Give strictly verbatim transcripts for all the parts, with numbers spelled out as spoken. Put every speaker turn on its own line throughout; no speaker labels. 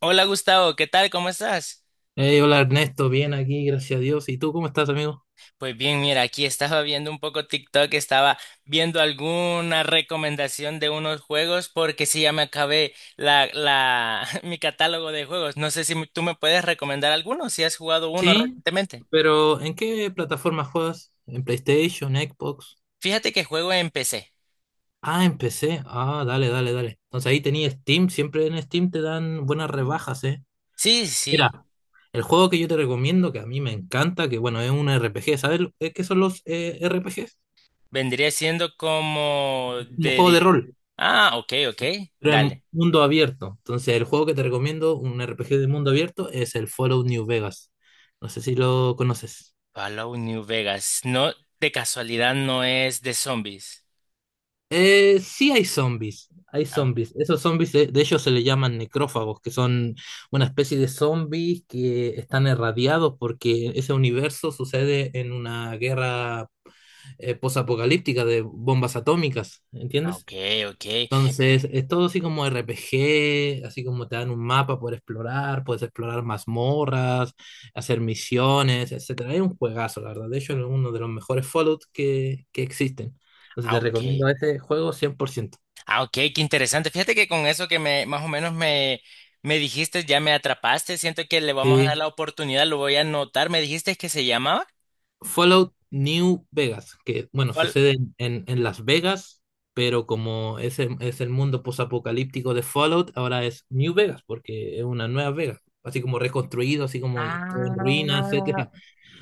Hola Gustavo, ¿qué tal? ¿Cómo estás?
Hey, hola Ernesto, bien aquí, gracias a Dios. ¿Y tú cómo estás, amigo?
Pues bien, mira, aquí estaba viendo un poco TikTok, estaba viendo alguna recomendación de unos juegos porque sí, ya me acabé la, la, mi catálogo de juegos. No sé si tú me puedes recomendar alguno, si has jugado uno
Sí,
recientemente.
pero ¿en qué plataforma juegas? ¿En PlayStation, Xbox?
Fíjate que juego en P C.
Ah, en P C. Ah, dale, dale, dale. Entonces ahí tenías Steam, siempre en Steam te dan buenas rebajas, ¿eh?
Sí, sí,
Mira, el juego que yo te recomiendo, que a mí me encanta, que bueno, es un R P G. ¿sabes lo- eh, Qué son los eh, R P Gs?
vendría siendo como
Un
de...
juego de
di-
rol,
Ah, ok, ok,
pero
dale.
en mundo abierto. Entonces el juego que te recomiendo, un R P G de mundo abierto, es el Fallout New Vegas. No sé si lo conoces.
Fallout New Vegas. No, de casualidad no es de zombies.
Eh, sí hay zombies, hay
Ah, ok,
zombies. Esos zombies de, de ellos se le llaman necrófagos, que son una especie de zombies que están irradiados porque ese universo sucede en una guerra eh, posapocalíptica de bombas atómicas,
ah,
¿entiendes?
ok. Ok.
Entonces, es todo así como R P G, así como te dan un mapa por explorar, puedes explorar mazmorras, hacer misiones, etcétera. Es un juegazo, la verdad. De hecho, es uno de los mejores Fallout que, que existen. Entonces
Ah,
te
ok.
recomiendo este juego cien por ciento.
Ah, ok, qué interesante. Fíjate que con eso que me, más o menos me, me dijiste, ya me atrapaste. Siento que le vamos a dar
Sí,
la oportunidad, lo voy a anotar. ¿Me dijiste que se llamaba?
Fallout New Vegas, que bueno,
Fall-
sucede en, en- en Las Vegas, pero como es el, es el mundo posapocalíptico de Fallout, ahora es New Vegas, porque es una nueva Vegas, así como reconstruido, así como todo en ruinas, etcétera.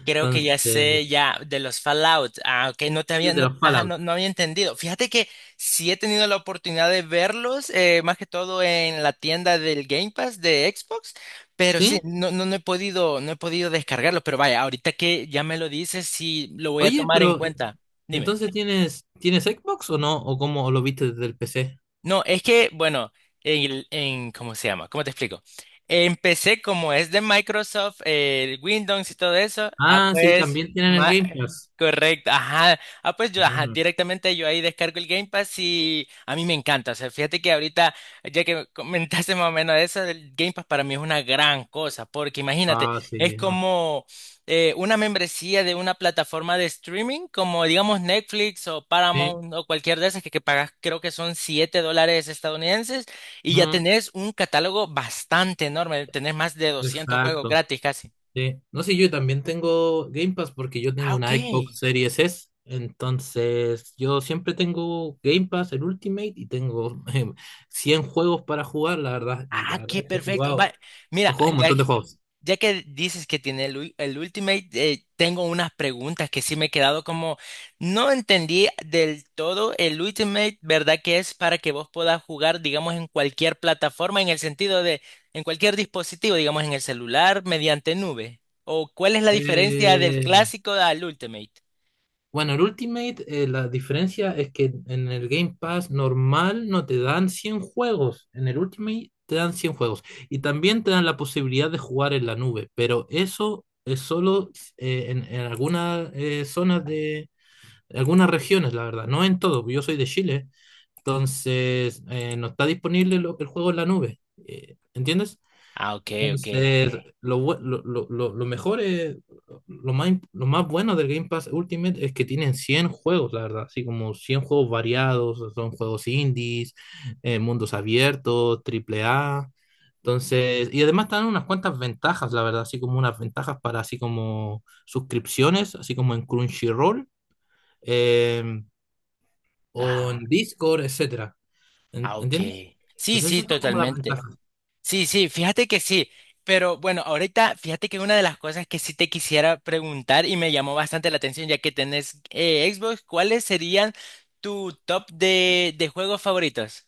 Creo que ya sé,
Entonces,
ya, de los Fallout. Ah, ok, no te
sí,
había,
de
no,
los
ajá,
Fallout.
no, no había entendido. Fíjate que sí he tenido la oportunidad de verlos, eh, más que todo en la tienda del Game Pass de Xbox. Pero sí,
¿Sí?
no, no, no he podido, no he podido descargarlos. Pero vaya, ahorita que ya me lo dices, sí lo voy a
Oye,
tomar en
pero
cuenta. Dime.
entonces tienes, ¿tienes Xbox o no? ¿O cómo lo viste desde el P C?
No, es que, bueno, en, el- en- ¿cómo se llama? ¿Cómo te explico? Empecé como es de Microsoft, eh, Windows y todo eso. Ah,
Ah, sí,
pues,
también tienen el
ma-
Game Pass.
correcto, ajá. Ah, pues yo, ajá,
Ujú.
directamente yo ahí descargo el Game Pass y a mí me encanta. O sea, fíjate que ahorita, ya que comentaste más o menos eso, el Game Pass para mí es una gran cosa, porque imagínate,
Ah,
es
sí, no.
como eh, una membresía de una plataforma de streaming como digamos Netflix o
Sí.
Paramount o cualquier de esas que, que pagas creo que son siete dólares estadounidenses y ya
Mm,
tenés un catálogo bastante enorme, tenés más de doscientos juegos
exacto.
gratis casi.
Sí. No sé, yo también tengo Game Pass porque yo
Ah,
tengo
ok.
una Xbox Series S. Entonces, yo siempre tengo Game Pass, el Ultimate, y tengo em, cien juegos para jugar, la verdad. Y
Ah,
la
qué
verdad que he
perfecto. Va-
jugado, he
mira,
jugado un
ya,
montón de juegos.
ya que dices que tiene el, ul- el Ultimate, eh, tengo unas preguntas que sí me he quedado como, no entendí del todo el Ultimate, ¿verdad? Que es para que vos puedas jugar, digamos, en cualquier plataforma, en el sentido de, en cualquier dispositivo, digamos, en el celular, mediante nube. ¿O cuál es la diferencia del
Eh,
clásico al Ultimate?
Bueno, el Ultimate, eh, la diferencia es que en el Game Pass normal no te dan cien juegos, en el Ultimate te dan cien juegos y también te dan la posibilidad de jugar en la nube, pero eso es solo eh, en, en algunas eh, zonas de algunas regiones, la verdad, no en todo, porque yo soy de Chile, entonces eh, no está disponible lo- el juego en la nube, eh, ¿entiendes?
Ah, ok, ok.
Entonces, lo, bu- lo, lo, lo- lo mejor es, lo más, imp- lo más bueno del Game Pass Ultimate es que tienen cien juegos, la verdad, así como cien juegos variados, son juegos indies, eh, mundos abiertos, triple A. Entonces, y además te dan unas cuantas ventajas, la verdad, así como unas ventajas para así como suscripciones, así como en Crunchyroll, eh, o en
Ajá.
Discord, etcétera. ¿En-
Ah, ok.
¿Entiendes?
Sí,
Entonces,
sí,
esas son como las
totalmente.
ventajas.
Sí, sí, fíjate que sí, pero bueno, ahorita fíjate que una de las cosas que sí te quisiera preguntar y me llamó bastante la atención ya que tenés eh, Xbox, ¿cuáles serían tu top de, de juegos favoritos?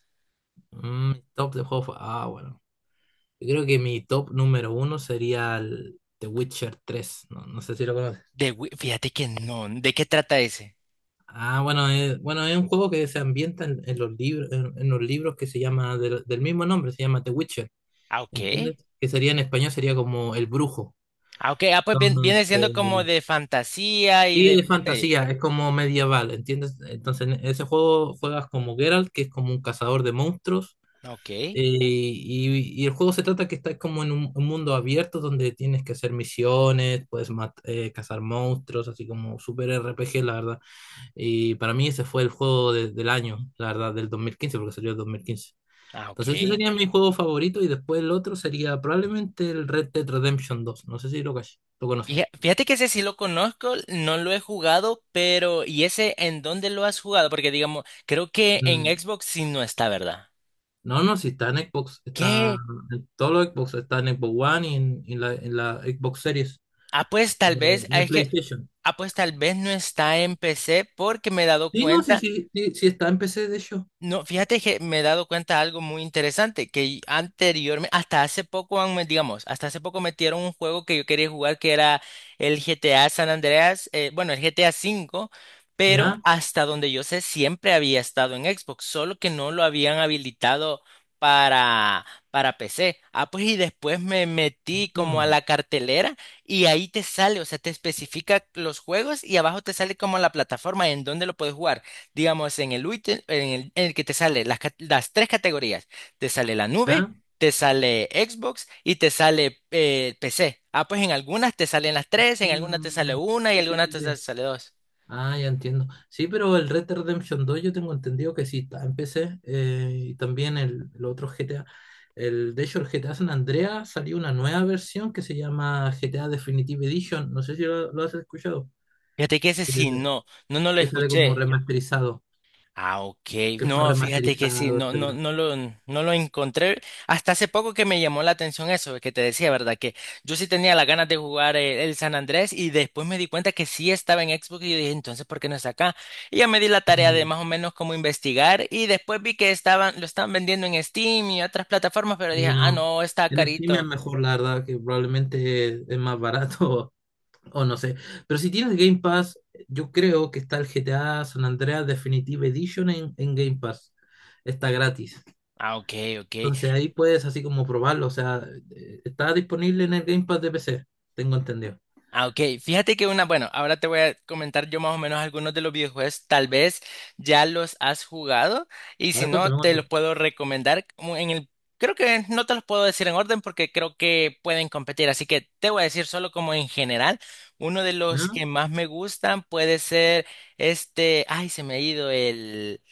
Mm, top de juegos. Ah, bueno. Yo creo que mi top número uno sería el The Witcher tres. No, no sé si lo conoces.
De, Wii- fíjate que no, ¿de qué trata ese?
Ah, bueno, es, bueno, es un juego que se ambienta en, en los libros, en, en los libros que se llama del, del mismo nombre, se llama The Witcher.
Ah, ok.
¿Entiendes? Que sería en español, Sería como El Brujo.
Ah, ok, ah, pues bien- viene siendo
Entonces,
como de fantasía y
sí,
de
de
misterio.
fantasía, es como medieval, ¿entiendes? Entonces, en ese juego juegas como Geralt, que es como un cazador de monstruos.
Ok,
Eh, y, y el juego se trata que estás como en un, un mundo abierto donde tienes que hacer misiones, puedes mat- eh, cazar monstruos, así como super R P G, la verdad. Y para mí ese fue el juego de- del año, la verdad, del dos mil quince porque salió el dos mil quince.
ah, ok.
Entonces ese sería mi juego favorito y después el otro sería probablemente el Red Dead Redemption dos. No sé si lo, cach- lo
Fija-
conoces.
Fíjate que ese sí lo conozco, no lo he jugado, pero ¿y ese en dónde lo has jugado? Porque digamos, creo que en
Mm,
Xbox sí no está, ¿verdad?
No, no, si está en Xbox, está
¿Qué?
en todos los Xbox, está en Xbox One y en, y en la, en la Xbox Series
Ah, pues tal
eh,
vez,
y
ah,
en
es que,
PlayStation.
ah, pues tal vez no está en P C porque me he dado
Sí, no, sí,
cuenta.
sí, sí, sí está en P C, de hecho.
No, fíjate que me he dado cuenta de algo muy interesante, que anteriormente, hasta hace poco, han me- digamos, hasta hace poco metieron un juego que yo quería jugar que era el G T A San Andreas, eh, bueno, el G T A cinco V, pero
¿Ya?
hasta donde yo sé siempre había estado en Xbox, solo que no lo habían habilitado para, para P C. Ah, pues y después me metí como a
Mm.
la cartelera y ahí te sale, o sea, te especifica los juegos y abajo te sale como la plataforma en donde lo puedes jugar digamos, en el ítem, en el, en el que te sale las, ca- las tres categorías, te sale la nube,
¿Ah?
te sale Xbox y te sale eh, P C. Ah, pues en algunas te salen las tres, en algunas te sale
mm,
una y
sí,
en
sí,
algunas
sí,
te
sí.
sale dos.
Ah, ya entiendo. Sí, pero el Red Dead Redemption dos yo tengo entendido que sí está en P C eh, y también el, el otro G T A. El, de hecho, el G T A San Andreas salió una nueva versión que se llama G T A Definitive Edition. No sé si lo, lo has escuchado.
Fíjate que ese
Eh,
sí no, no, no lo
Que sale como
escuché.
remasterizado,
Ah, ok.
que fue
No, fíjate que sí,
remasterizado,
no, no,
etcétera.
no lo, no lo encontré. Hasta hace poco que me llamó la atención eso que te decía, ¿verdad? Que yo sí tenía las ganas de jugar eh, el, San Andrés y después me di cuenta que sí estaba en Xbox y yo dije, entonces, ¿por qué no está acá? Y ya me di la tarea de
Mm,
más o menos cómo investigar y después vi que estaban, lo estaban vendiendo en Steam y otras plataformas, pero dije,
sí,
ah,
no.
no, está
En Steam es
carito.
mejor, la verdad, que probablemente es más barato. O no sé. Pero si tienes Game Pass, yo creo que está el G T A San Andreas Definitive Edition en, en Game Pass. Está gratis.
Ah, ok, ok.
Entonces ahí puedes así como probarlo. O sea, eh, está disponible en el Game Pass de P C. Tengo entendido.
Ah, ok. Fíjate que una, bueno, ahora te voy a comentar yo más o menos algunos de los videojuegos, tal vez ya los has jugado y
A
si
ver,
no,
cuéntame,
te los
cuéntame.
puedo recomendar como en el, creo que no te los puedo decir en orden porque creo que pueden competir, así que te voy a decir solo como en general, uno de los
¿Ah?
que más me gustan puede ser este, ay, se me ha ido el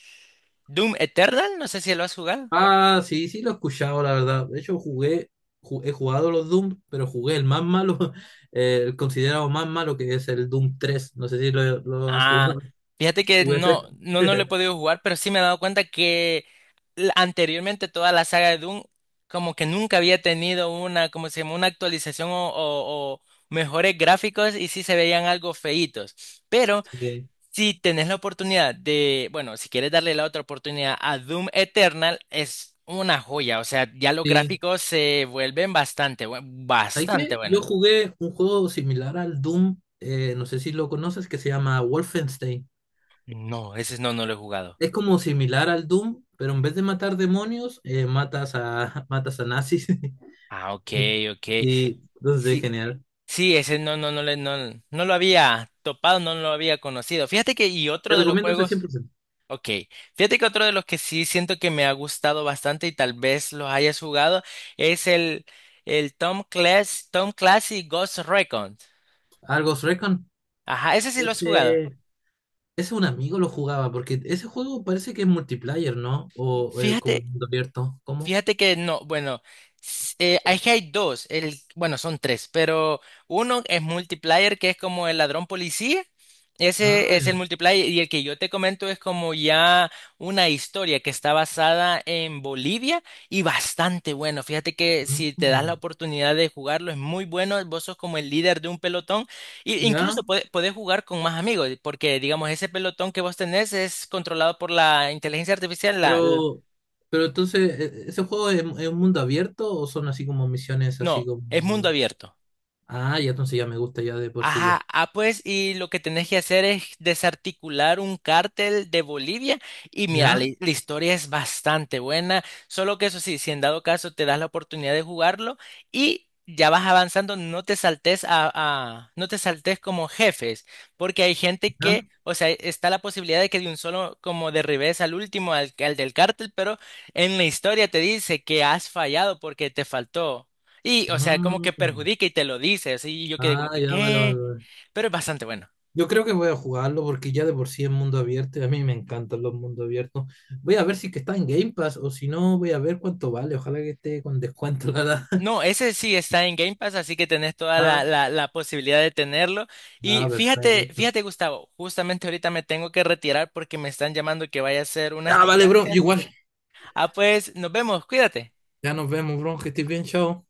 Doom Eternal, no sé si lo has jugado.
Ah, sí, sí lo he escuchado, la verdad. De hecho, jugué, ju- he jugado los Doom, pero jugué el más malo, eh, el considerado más malo, que es el Doom tres. No sé si lo, lo has
Ah,
jugado.
fíjate que
Jugué ese.
no, no, no lo he podido jugar, pero sí me he dado cuenta que la- anteriormente toda la saga de Doom como que nunca había tenido una, como se llama, una actualización o, o- o mejores gráficos y sí se veían algo feitos. Pero
Sí.
si tenés la oportunidad de, bueno, si quieres darle la otra oportunidad a Doom Eternal, es una joya. O sea, ya los
Sí.
gráficos se vuelven bastante, bue-
¿Sabes
bastante
qué? Yo
buenos.
jugué un juego similar al Doom, eh, no sé si lo conoces, que se llama Wolfenstein.
No, ese no, no lo he jugado.
Es como similar al Doom, pero en vez de matar demonios, eh, matas a, matas a nazis.
Ah, ok, ok.
Sí, entonces es
Sí,
genial.
sí, ese no, no, no, le- no, no lo había topado, no lo había conocido. Fíjate que, y
Te
otro de los
recomiendo ese
juegos,
cien por ciento.
ok, fíjate que otro de los que sí siento que me ha gustado bastante y tal vez los hayas jugado es el, el Tom Clancy, Tom Clancy Ghost Recon.
Al Ghost Recon.
Ajá, ese sí lo has jugado.
Ese, Ese un amigo lo jugaba, porque ese juego parece que es multiplayer, ¿no? O eh, como
Fíjate,
mundo abierto. ¿Cómo?
Fíjate que no, bueno, s- eh, es que hay dos, el, bueno, son tres, pero uno es multiplayer, que es como el ladrón policía,
Ah,
ese es el
ya.
multiplayer, y el que yo te comento es como ya una historia que está basada en Bolivia y bastante bueno. Fíjate que si te das la
Ah,
oportunidad de jugarlo, es muy bueno, vos sos como el líder de un pelotón, e incluso
ya.
puede- podés jugar con más amigos, porque digamos, ese pelotón que vos tenés es controlado por la inteligencia artificial, la... la-
Pero, pero entonces, ¿e- ¿ese juego es, es un mundo abierto o son así como misiones así
no, es mundo
como...
abierto.
Ah, ya entonces ya me gusta ya de por sí ya.
Ajá, ah, pues, y lo que tenés que hacer es desarticular un cártel de Bolivia. Y mira, la,
¿Ya?
la historia es bastante buena. Solo que eso sí, si en dado caso te das la oportunidad de jugarlo y ya vas avanzando, no te saltes a, a- no te saltes como jefes, porque hay gente
¿Ya?
que, o sea, está la posibilidad de que de un solo como derribes al último, al, al del cártel, pero en la historia te dice que has fallado porque te faltó. Y, o sea, como que
Mm.
perjudica y te lo dice, así y yo quedé como
Ah,
que,
ya, vale, vale,
¿qué?
vale.
Pero es bastante bueno.
Yo creo que voy a jugarlo porque ya de por sí es mundo abierto y a mí me encantan los mundos abiertos. Voy a ver si es que está en Game Pass o si no, voy a ver cuánto vale. Ojalá que esté con descuento, la verdad.
No, ese sí está en Game Pass, así que tenés toda la,
Ah,
la, la posibilidad de tenerlo.
ah,
Y fíjate,
perfecto.
fíjate, Gustavo, justamente ahorita me tengo que retirar porque me están llamando que vaya a hacer unas
Ya, vale, bro.
diligencias.
Igual.
Ah, pues nos vemos, cuídate.
Ya nos vemos, bro. Que estés bien, chao.